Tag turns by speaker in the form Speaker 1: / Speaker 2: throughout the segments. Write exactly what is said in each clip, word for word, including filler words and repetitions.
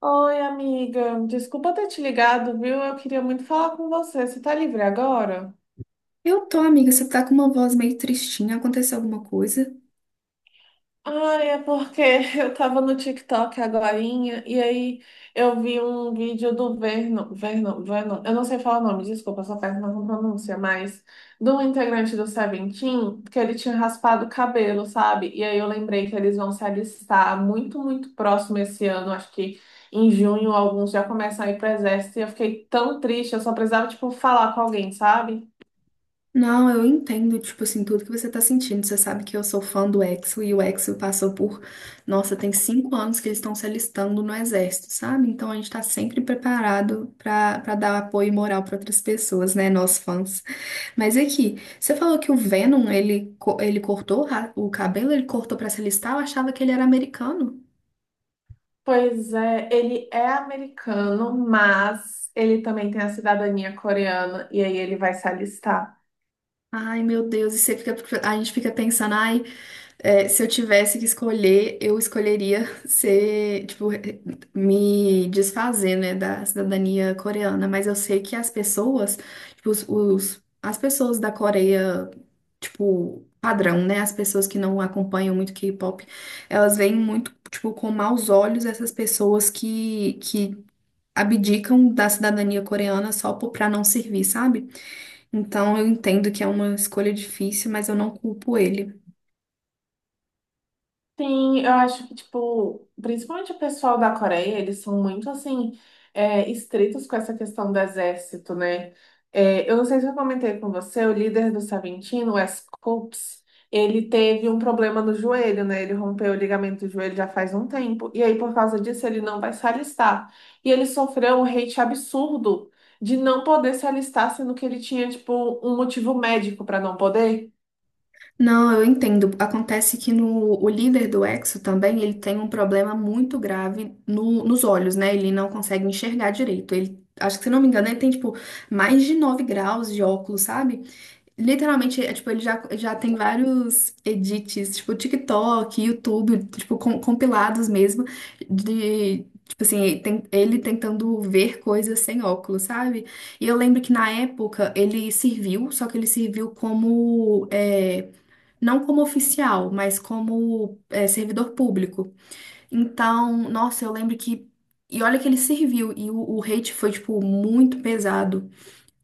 Speaker 1: Oi, amiga. Desculpa ter te ligado, viu? Eu queria muito falar com você. Você tá livre agora?
Speaker 2: Eu tô, amiga, você tá com uma voz meio tristinha, aconteceu alguma coisa?
Speaker 1: Ai, é porque eu tava no TikTok agorinha e aí eu vi um vídeo do Verno, Verno, Verno, eu não sei falar o nome, desculpa, eu sou péssima com pronúncia, mas do integrante do Seventeen, que ele tinha raspado o cabelo, sabe? E aí eu lembrei que eles vão se alistar muito, muito próximo esse ano, acho que em junho alguns já começam a ir pro exército e eu fiquei tão triste, eu só precisava, tipo, falar com alguém, sabe?
Speaker 2: Não, eu entendo, tipo assim, tudo que você tá sentindo. Você sabe que eu sou fã do EXO e o EXO passou por, nossa, tem cinco anos que eles estão se alistando no exército, sabe? Então a gente tá sempre preparado pra, pra dar apoio moral pra outras pessoas, né, nós fãs. Mas aqui, você falou que o Venom, ele, co- ele cortou o ra- o cabelo, ele cortou pra se alistar, eu achava que ele era americano.
Speaker 1: Pois é, ele é americano, mas ele também tem a cidadania coreana e aí ele vai se alistar.
Speaker 2: Ai, meu Deus, e você fica, a gente fica pensando, ai. É, se eu tivesse que escolher, eu escolheria ser, tipo, me desfazer, né, da cidadania coreana. Mas eu sei que as pessoas, tipo, os, os- as pessoas da Coreia, tipo, padrão, né, as pessoas que não acompanham muito K-pop, elas veem muito, tipo, com maus olhos essas pessoas que, que abdicam da cidadania coreana só por, pra não servir, sabe? Então eu entendo que é uma escolha difícil, mas eu não culpo ele.
Speaker 1: Sim, eu acho que, tipo, principalmente o pessoal da Coreia, eles são muito, assim, é, estritos com essa questão do exército, né? É, eu não sei se eu comentei com você, o líder do Savintino, o S-Corps, ele teve um problema no joelho, né? Ele rompeu o ligamento do joelho já faz um tempo, e aí, por causa disso, ele não vai se alistar. E ele sofreu um hate absurdo de não poder se alistar, sendo que ele tinha, tipo, um motivo médico para não poder.
Speaker 2: Não, eu entendo. Acontece que no, o líder do Exo também, ele tem um problema muito grave no- nos olhos, né? Ele não consegue enxergar direito. Ele, acho que, se não me engano, ele tem, tipo, mais de nove graus de óculos, sabe? Literalmente, é, tipo, ele já, já tem vários edits, tipo, TikTok, YouTube, tipo, com- compilados mesmo, de. Tipo assim, tem- ele tentando ver coisas sem óculos, sabe? E eu lembro que na época ele serviu, só que ele serviu como é, não como oficial, mas como é, servidor público. Então, nossa, eu lembro que. E olha que ele serviu, e o, o hate foi, tipo, muito pesado.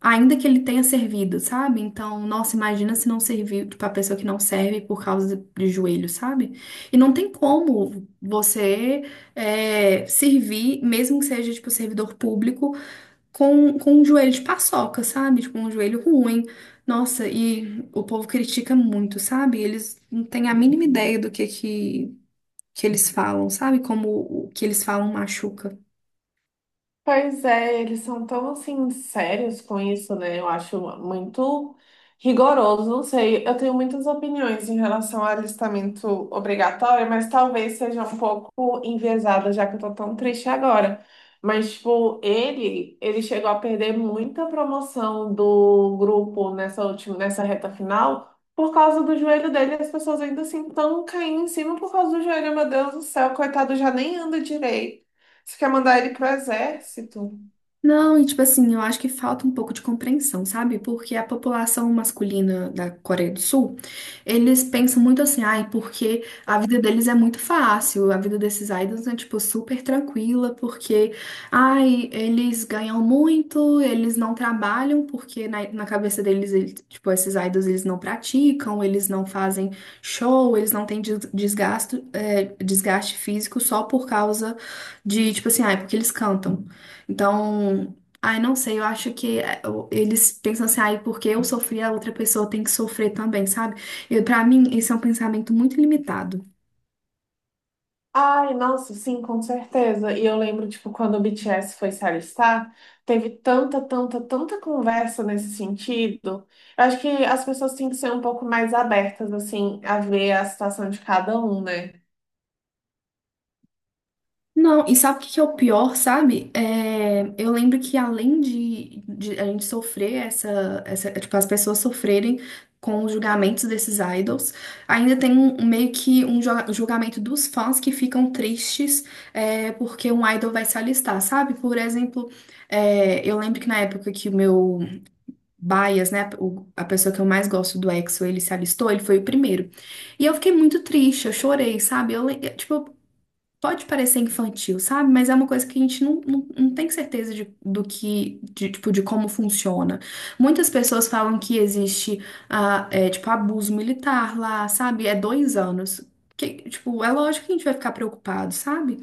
Speaker 2: Ainda que ele tenha servido, sabe? Então, nossa, imagina se não serviu, tipo, a pessoa que não serve por causa de de joelho, sabe? E não tem como você é, servir, mesmo que seja, tipo, servidor público, com, com um joelho de paçoca, sabe? Tipo, um joelho ruim. Nossa, e o povo critica muito, sabe? Eles não têm a mínima ideia do que que, que eles falam, sabe? Como o que eles falam machuca.
Speaker 1: Pois é, eles são tão assim sérios com isso, né? Eu acho muito rigoroso, não sei. Eu tenho muitas opiniões em relação ao alistamento obrigatório, mas talvez seja um pouco enviesada, já que eu tô tão triste agora. Mas, tipo, ele, ele chegou a perder muita promoção do grupo nessa última, nessa reta final. Por causa do joelho dele, as pessoas ainda assim estão caindo em cima por causa do joelho. Meu Deus do céu, coitado, já nem anda direito. Você quer mandar ele pro exército?
Speaker 2: Não, e tipo assim, eu acho que falta um pouco de compreensão, sabe? Porque a população masculina da Coreia do Sul, eles pensam muito assim, ai, porque a vida deles é muito fácil, a vida desses idols é, tipo, super tranquila, porque, ai, eles ganham muito, eles não trabalham, porque na, na cabeça deles, eles- tipo, esses idols, eles não praticam, eles não fazem show, eles não têm des- desgasto, é, desgaste físico só por causa de, tipo assim, ai, porque eles cantam. Então, ai, não sei, eu acho que é, eu- eles pensam assim, ai, porque eu sofri, a outra pessoa tem que sofrer também, sabe? E para mim, esse é um pensamento muito limitado.
Speaker 1: Ai, nossa, sim, com certeza. E eu lembro, tipo, quando o B T S foi se alistar, teve tanta, tanta, tanta conversa nesse sentido. Eu acho que as pessoas têm que ser um pouco mais abertas, assim, a ver a situação de cada um, né?
Speaker 2: Não, e sabe o que que é o pior, sabe? É, eu lembro que além de, de a gente sofrer essa, essa, tipo, as pessoas sofrerem com os julgamentos desses idols, ainda tem um, um meio que um jo- um julgamento dos fãs que ficam tristes é, porque um idol vai se alistar, sabe? Por exemplo, é, eu lembro que na época que o meu Baias, né? o- a pessoa que eu mais gosto do EXO, ele se alistou, ele foi o primeiro. E eu fiquei muito triste, eu chorei, sabe? Eu, le- tipo, pode parecer infantil, sabe? Mas é uma coisa que a gente não, não, não tem certeza de, do que, de, tipo, de como funciona. Muitas pessoas falam que existe, ah, é, tipo, abuso militar lá, sabe? É dois anos. Que, tipo, é lógico que a gente vai ficar preocupado, sabe?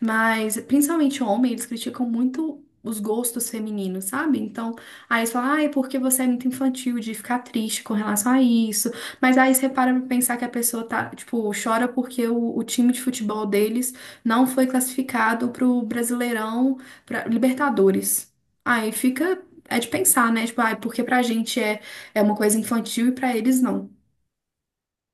Speaker 2: Mas, principalmente homem, eles criticam muito os gostos femininos, sabe? Então, aí eles falam, ah, é porque você é muito infantil de ficar triste com relação a isso. Mas aí você para pra pensar que a pessoa tá, tipo, chora porque o, o time de futebol deles não foi classificado para o Brasileirão, para Libertadores. Aí fica, é de pensar, né? Tipo, ai, porque pra gente é, é uma coisa infantil e pra eles não.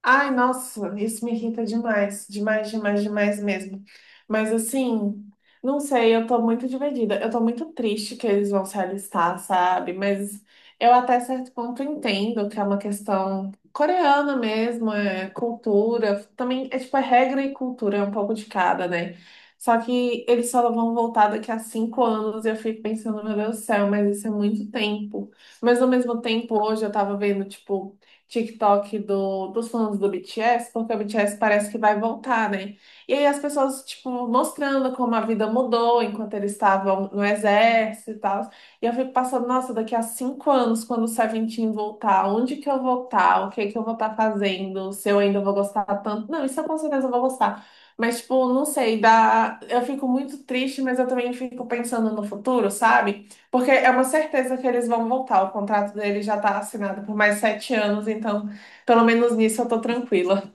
Speaker 1: Ai, nossa, isso me irrita demais, demais, demais, demais mesmo. Mas assim, não sei, eu tô muito dividida. Eu tô muito triste que eles vão se alistar, sabe? Mas eu até certo ponto entendo que é uma questão coreana mesmo, é cultura, também é tipo, é regra e cultura, é um pouco de cada, né? Só que eles só vão voltar daqui a cinco anos e eu fico pensando, meu Deus do céu, mas isso é muito tempo. Mas ao mesmo tempo, hoje eu tava vendo, tipo, TikTok do, dos fãs do B T S, porque o B T S parece que vai voltar, né? E aí as pessoas, tipo, mostrando como a vida mudou enquanto eles estavam no exército e tal. E eu fico passando, nossa, daqui a cinco anos, quando o Seventeen voltar, onde que eu vou estar? O que que eu vou estar fazendo? Se eu ainda vou gostar tanto? Não, isso eu com certeza vou gostar. Mas, tipo, não sei, dá, eu fico muito triste, mas eu também fico pensando no futuro, sabe? Porque é uma certeza que eles vão voltar. O contrato dele já tá assinado por mais sete anos, então pelo menos nisso eu tô tranquila.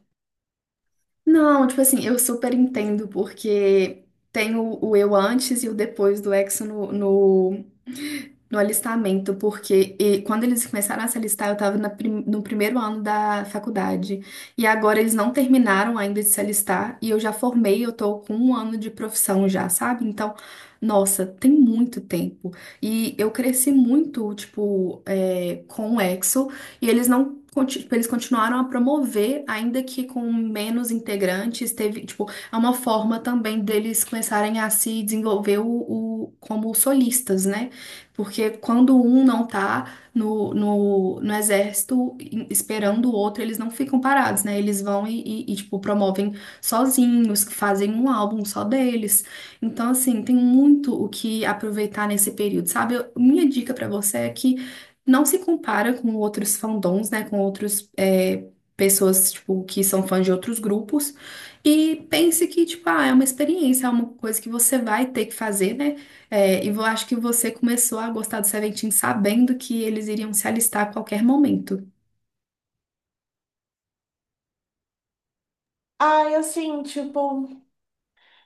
Speaker 2: Não, tipo assim, eu super entendo, porque tem o, o eu antes e o depois do Exo no, no no alistamento, porque e, quando eles começaram a se alistar, eu estava no primeiro ano da faculdade. E agora eles não terminaram ainda de se alistar, e eu já formei, eu tô com um ano de profissão já, sabe? Então, nossa, tem muito tempo. E eu cresci muito, tipo, é, com o EXO, e eles não. conti- tipo, Eles continuaram a promover, ainda que com menos integrantes, teve, tipo, é uma forma também deles começarem a se desenvolver o, o- como solistas, né? Porque quando um não tá no, no, no exército em- esperando o outro, eles não ficam parados, né? Eles vão e, e- e, tipo, promovem sozinhos, fazem um álbum só deles. Então, assim, tem muito o que aproveitar nesse período, sabe? Eu- minha dica pra você é que não se compara com outros fandoms, né? Com outros, é, pessoas, tipo, que são fãs de outros grupos. E pense que, tipo, ah, é uma experiência, é uma coisa que você vai ter que fazer, né? É, e eu acho que você começou a gostar do Seventeen sabendo que eles iriam se alistar a qualquer momento.
Speaker 1: Ai, assim, tipo,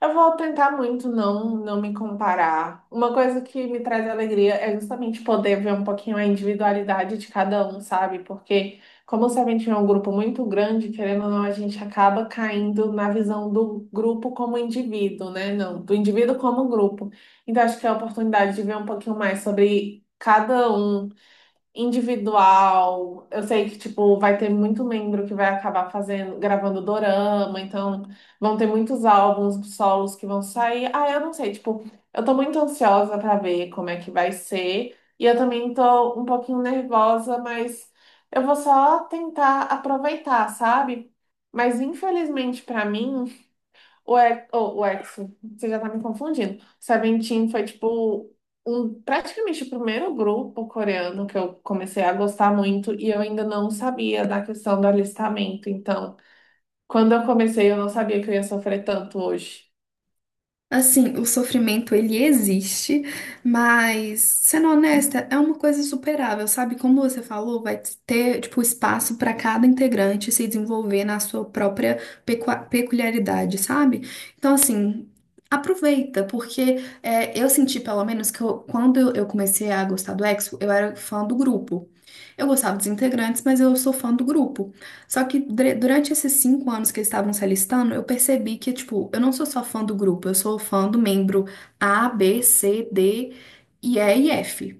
Speaker 1: eu vou tentar muito não, não me comparar. Uma coisa que me traz alegria é justamente poder ver um pouquinho a individualidade de cada um, sabe? Porque como se a gente é um grupo muito grande, querendo ou não, a gente acaba caindo na visão do grupo como indivíduo, né? Não, do indivíduo como grupo. Então acho que é a oportunidade de ver um pouquinho mais sobre cada um individual. Eu sei que, tipo, vai ter muito membro que vai acabar fazendo, gravando dorama, então vão ter muitos álbuns solos que vão sair. Ah, eu não sei, tipo, eu tô muito ansiosa pra ver como é que vai ser. E eu também tô um pouquinho nervosa, mas eu vou só tentar aproveitar, sabe? Mas infelizmente pra mim o, E- oh, o EXO, você já tá me confundindo. Seventeen foi, tipo, um, praticamente o primeiro grupo coreano que eu comecei a gostar muito e eu ainda não sabia da questão do alistamento. Então, quando eu comecei, eu não sabia que eu ia sofrer tanto hoje.
Speaker 2: Assim, o sofrimento ele existe, mas sendo honesta, é uma coisa superável, sabe? Como você falou, vai ter tipo espaço para cada integrante se desenvolver na sua própria pecua- peculiaridade, sabe? Então, assim, aproveita, porque é, eu senti pelo menos que eu- quando eu eu comecei a gostar do EXO, eu era fã do grupo. Eu gostava dos integrantes, mas eu sou fã do grupo. Só que dre- durante esses cinco anos que eles estavam se alistando, eu percebi que, tipo, eu não sou só fã do grupo, eu sou fã do membro A, B, C, D e E e F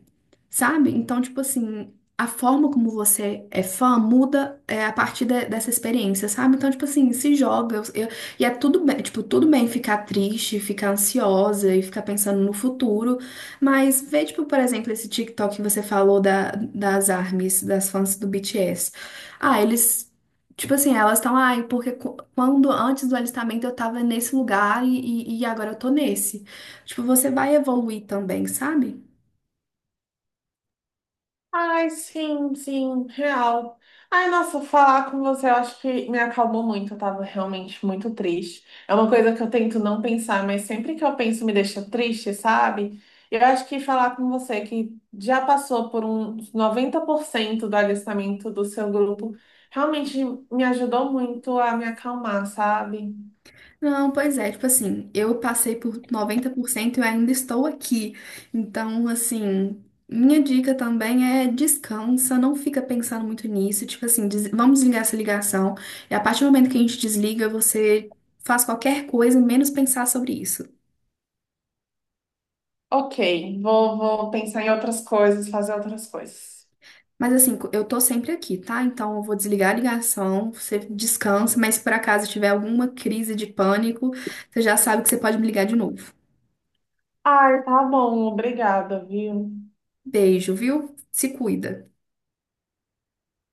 Speaker 2: sabe? Então, tipo assim, a forma como você é fã muda é, a partir de- dessa experiência, sabe? Então, tipo assim, se joga. eu- eu- e é tudo bem, tipo, tudo bem ficar triste, ficar ansiosa e ficar pensando no futuro. Mas vê, tipo, por exemplo, esse TikTok que você falou da, das ARMYs, das fãs do B T S. Ah, eles. Tipo assim, elas estão, ai, porque qu- quando antes do alistamento eu tava nesse lugar e, e e agora eu tô nesse. Tipo, você vai evoluir também, sabe?
Speaker 1: Ai, sim, sim, real. Ai, nossa, falar com você, eu acho que me acalmou muito. Eu tava realmente muito triste. É uma coisa que eu tento não pensar, mas sempre que eu penso me deixa triste, sabe? Eu acho que falar com você que já passou por uns noventa por cento do alistamento do seu grupo, realmente me ajudou muito a me acalmar, sabe?
Speaker 2: Não, pois é, tipo assim, eu passei por noventa por cento e eu ainda estou aqui. Então, assim, minha dica também é descansa, não fica pensando muito nisso. Tipo assim, des- vamos desligar essa ligação. E a partir do momento que a gente desliga, você faz qualquer coisa, menos pensar sobre isso.
Speaker 1: Ok, vou, vou pensar em outras coisas, fazer outras coisas.
Speaker 2: Mas assim, co- eu tô sempre aqui, tá? Então eu vou desligar a ligação, você descansa, mas se por acaso tiver alguma crise de pânico, você já sabe que você pode me ligar de novo.
Speaker 1: Ai, tá bom, obrigada, viu?
Speaker 2: Beijo, viu? Se cuida.